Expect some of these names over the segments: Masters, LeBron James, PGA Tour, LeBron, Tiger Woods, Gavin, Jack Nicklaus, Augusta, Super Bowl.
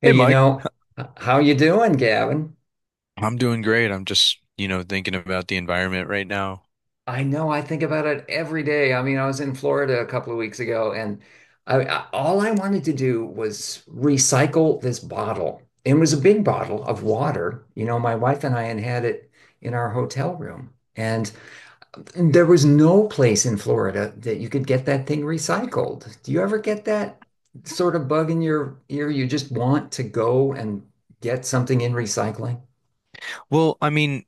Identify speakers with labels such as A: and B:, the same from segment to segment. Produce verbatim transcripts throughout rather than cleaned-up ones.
A: Hey,
B: Hey
A: you
B: Mike,
A: know, h- how you doing, Gavin?
B: I'm doing great. I'm just, you know, thinking about the environment right now.
A: I know, I think about it every day. I mean, I was in Florida a couple of weeks ago, and I, I- all I wanted to do was recycle this bottle. It was a big bottle of water. You know, my wife and I had had it in our hotel room. And there was no place in Florida that you could get that thing recycled. Do you ever get that sort of bug in your ear? You just want to go and get something in recycling?
B: Well, I mean,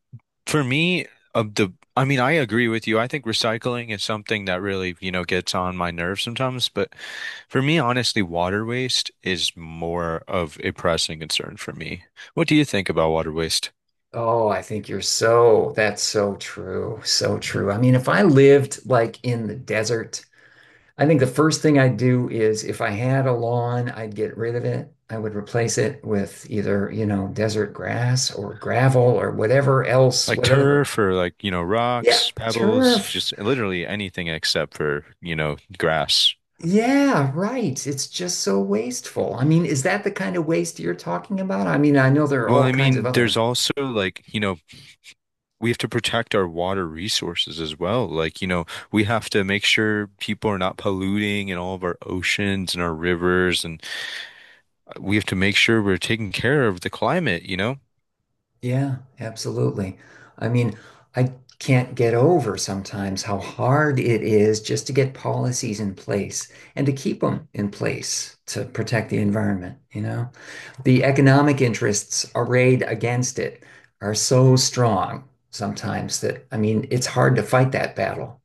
B: for me, of the, I mean, I agree with you. I think recycling is something that really, you know, gets on my nerves sometimes. But for me, honestly, water waste is more of a pressing concern for me. What do you think about water waste?
A: Oh, I think you're so, that's so true. So true. I mean, if I lived like in the desert, I think the first thing I'd do is if I had a lawn, I'd get rid of it. I would replace it with either, you know, desert grass or gravel or whatever else,
B: Like
A: whatever.
B: turf or like, you know,
A: Yeah,
B: rocks, pebbles,
A: turf.
B: just literally anything except for, you know, grass.
A: Yeah, right. It's just so wasteful. I mean, is that the kind of waste you're talking about? I mean, I know there are
B: Well,
A: all
B: I
A: kinds of
B: mean, there's
A: other.
B: also like, you know, we have to protect our water resources as well. Like, you know, we have to make sure people are not polluting in all of our oceans and our rivers, and uh, we have to make sure we're taking care of the climate, you know?
A: Yeah, absolutely. I mean, I can't get over sometimes how hard it is just to get policies in place and to keep them in place to protect the environment, you know? The economic interests arrayed against it are so strong sometimes that, I mean, it's hard to fight that battle,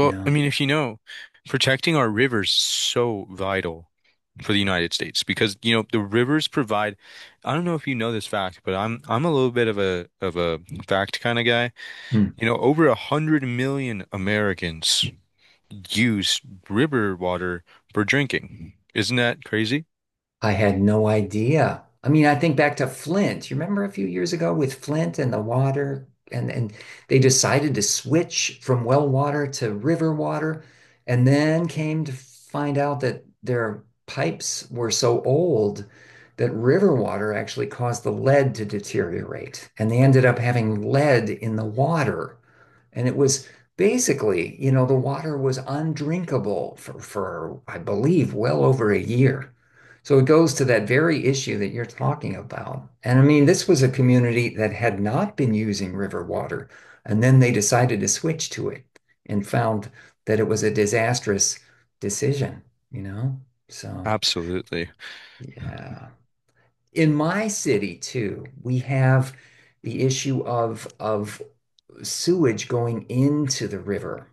A: you
B: I
A: know?
B: mean, if you know, protecting our rivers is so vital for the United States because, you know, the rivers provide, I don't know if you know this fact, but I'm I'm a little bit of a of a fact kind of guy. You know, over a hundred million Americans use river water for drinking. Isn't that crazy?
A: I had no idea. I mean, I think back to Flint. You remember a few years ago with Flint and the water, and and they decided to switch from well water to river water, and then came to find out that their pipes were so old that river water actually caused the lead to deteriorate, and they ended up having lead in the water. And it was basically, you know, the water was undrinkable for, for I believe, well over a year. So it goes to that very issue that you're talking about. And I mean, this was a community that had not been using river water, and then they decided to switch to it and found that it was a disastrous decision, you know? So,
B: Absolutely.
A: yeah. In my city, too, we have the issue of of sewage going into the river.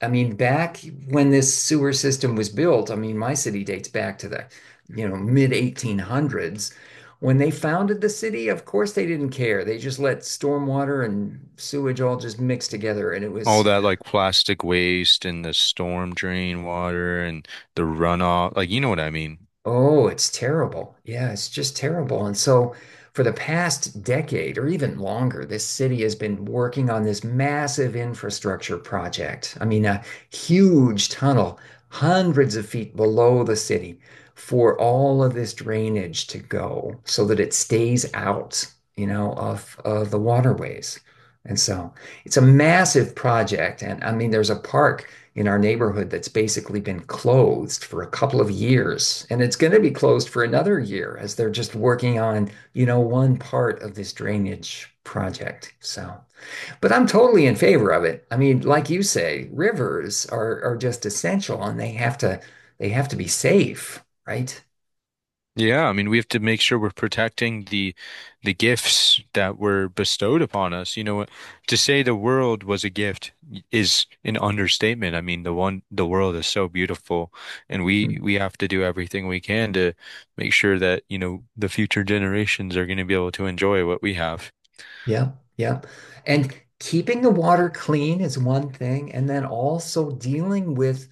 A: I mean, back when this sewer system was built, I mean, my city dates back to the, you know, mid eighteen hundreds. When they founded the city, of course they didn't care. They just let stormwater and sewage all just mix together, and it
B: All
A: was.
B: that like plastic waste and the storm drain water and the runoff, like you know what I mean.
A: Oh, it's terrible. Yeah, it's just terrible. And so, for the past decade or even longer, this city has been working on this massive infrastructure project. I mean, a huge tunnel, hundreds of feet below the city, for all of this drainage to go so that it stays out you know, of, of the waterways. And so, it's a massive project. And I mean, there's a park in our neighborhood that's basically been closed for a couple of years. And it's going to be closed for another year as they're just working on, you know, one part of this drainage project. So, but I'm totally in favor of it. I mean, like you say, rivers are are just essential, and they have to they have to be safe, right?
B: Yeah, I mean, we have to make sure we're protecting the the gifts that were bestowed upon us. You know, to say the world was a gift is an understatement. I mean, the one the world is so beautiful, and we we have to do everything we can to make sure that, you know, the future generations are going to be able to enjoy what we have.
A: Yeah, yeah. And keeping the water clean is one thing, and then also dealing with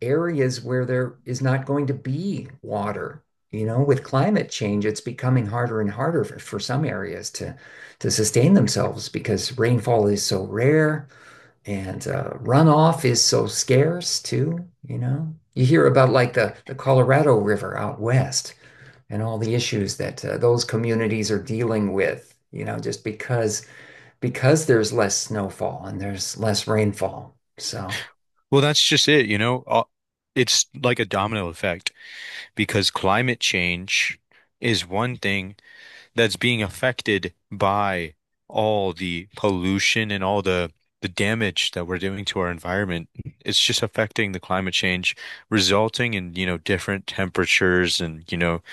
A: areas where there is not going to be water. You know, with climate change, it's becoming harder and harder for, for some areas to to sustain themselves because rainfall is so rare, and uh, runoff is so scarce too, you know. You hear about like the the Colorado River out west, and all the issues that uh, those communities are dealing with, you know, just because because there's less snowfall and there's less rainfall. So.
B: Well, that's just it, you know. Uh, It's like a domino effect because climate change is one thing that's being affected by all the pollution and all the the damage that we're doing to our environment. It's just affecting the climate change, resulting in, you know, different temperatures and, you know,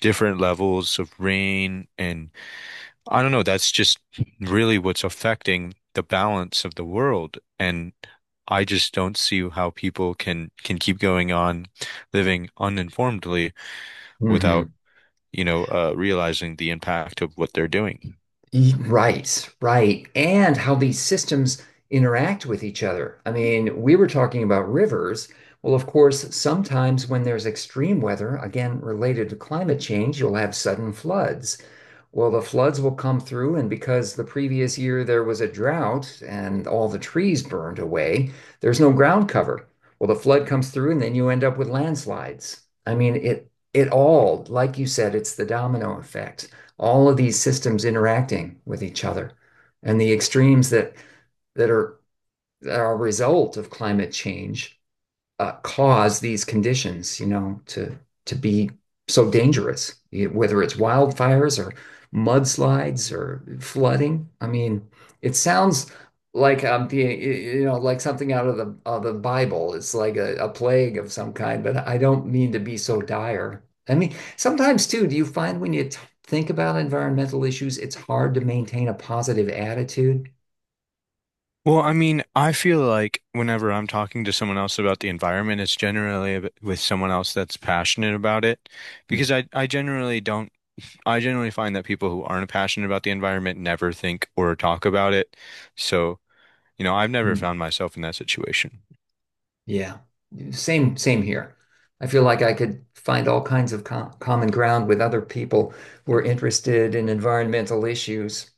B: different levels of rain. And I don't know, that's just really what's affecting the balance of the world. And I just don't see how people can can keep going on living uninformedly without,
A: Mhm.
B: you know, uh, realizing the impact of what they're doing.
A: E- right, right. And how these systems interact with each other. I mean, we were talking about rivers. Well, of course, sometimes when there's extreme weather, again related to climate change, you'll have sudden floods. Well, the floods will come through, and because the previous year there was a drought and all the trees burned away, there's no ground cover. Well, the flood comes through, and then you end up with landslides. I mean, it it all, like you said, it's the domino effect. All of these systems interacting with each other, and the extremes that that are that are a result of climate change uh, cause these conditions, you know, to to be so dangerous, whether it's wildfires or mudslides or flooding. I mean, it sounds like um, the, you know, like something out of the of the Bible. It's like a, a plague of some kind, but I don't mean to be so dire. I mean, sometimes too, do you find when you t think about environmental issues, it's hard to maintain a positive attitude?
B: Well, I mean, I feel like whenever I'm talking to someone else about the environment, it's generally ab- with someone else that's passionate about it because
A: Mm,
B: I, I generally don't, I generally find that people who aren't passionate about the environment never think or talk about it. So, you know, I've never
A: mm.
B: found myself in that situation.
A: Yeah. Same, same here. I feel like I could find all kinds of com common ground with other people who are interested in environmental issues.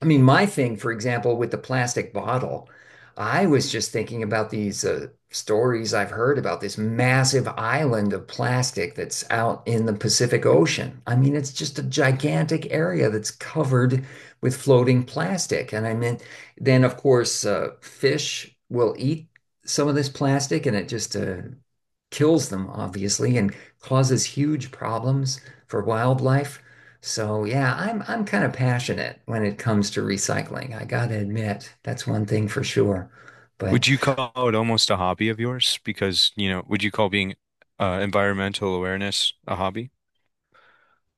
A: I mean, my thing, for example, with the plastic bottle, I was just thinking about these uh, stories I've heard about this massive island of plastic that's out in the Pacific Ocean. I mean, it's just a gigantic area that's covered with floating plastic. And I mean, then of course, uh, fish will eat some of this plastic, and it just uh, kills them, obviously, and causes huge problems for wildlife. So yeah, I'm I'm kind of passionate when it comes to recycling. I gotta admit, that's one thing for sure. But
B: Would you call it almost a hobby of yours? Because, you know, would you call being uh, environmental awareness a hobby?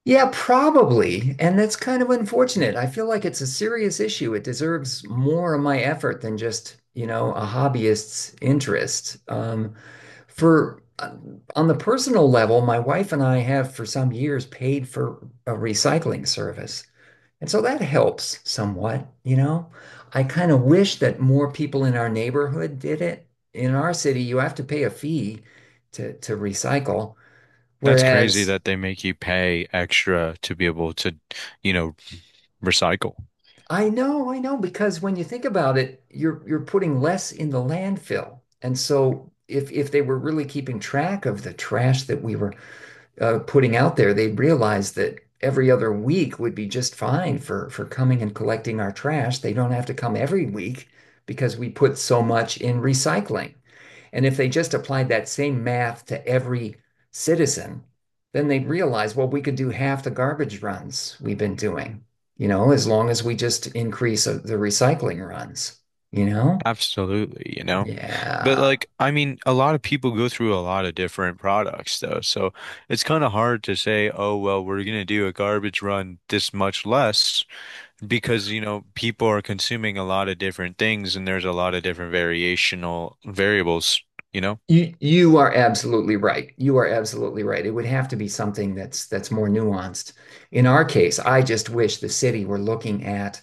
A: yeah, probably. And that's kind of unfortunate. I feel like it's a serious issue. It deserves more of my effort than just, you know, a hobbyist's interest. Um, for uh, On the personal level, my wife and I have for some years paid for a recycling service. And so that helps somewhat, you know. I kind of wish that more people in our neighborhood did it. In our city, you have to pay a fee to to recycle,
B: That's crazy
A: whereas.
B: that they make you pay extra to be able to, you know, recycle.
A: I know, I know, because when you think about it, you're you're putting less in the landfill. And so if if they were really keeping track of the trash that we were uh, putting out there, they'd realize that every other week would be just fine for for coming and collecting our trash. They don't have to come every week because we put so much in recycling. And if they just applied that same math to every citizen, then they'd realize, well, we could do half the garbage runs we've been doing, you know, as long as we just increase uh, the recycling runs, you know?
B: Absolutely, you know. But
A: Yeah.
B: like, I mean, a lot of people go through a lot of different products though. So it's kind of hard to say, oh, well, we're going to do a garbage run this much less because you know people are consuming a lot of different things and there's a lot of different variational variables, you know.
A: You you are absolutely right. You are absolutely right. It would have to be something that's that's more nuanced. In our case, I just wish the city were looking at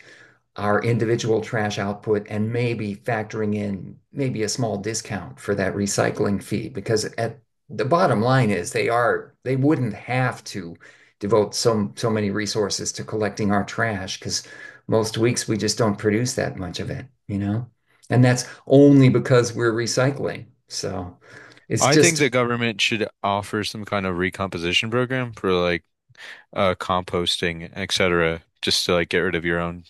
A: our individual trash output, and maybe factoring in maybe a small discount for that recycling fee, because at the bottom line is, they are they wouldn't have to devote so so many resources to collecting our trash, because most weeks we just don't produce that much of it you know And that's only because we're recycling. So, it's
B: I think the
A: just,
B: government should offer some kind of recomposition program for like uh composting, et cetera., just to like get rid of your own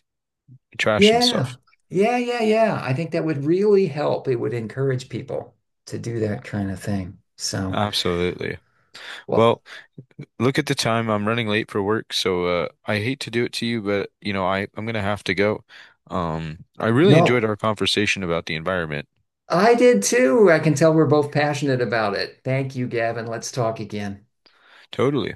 B: trash and
A: yeah,
B: stuff.
A: yeah, yeah, yeah, I think that would really help. It would encourage people to do that kind of thing. So.
B: Absolutely. Well,
A: Well.
B: look at the time. I'm running late for work, so uh I hate to do it to you, but you know I I'm gonna have to go. um I really enjoyed
A: No,
B: our conversation about the environment.
A: I did too. I can tell we're both passionate about it. Thank you, Gavin. Let's talk again.
B: Totally.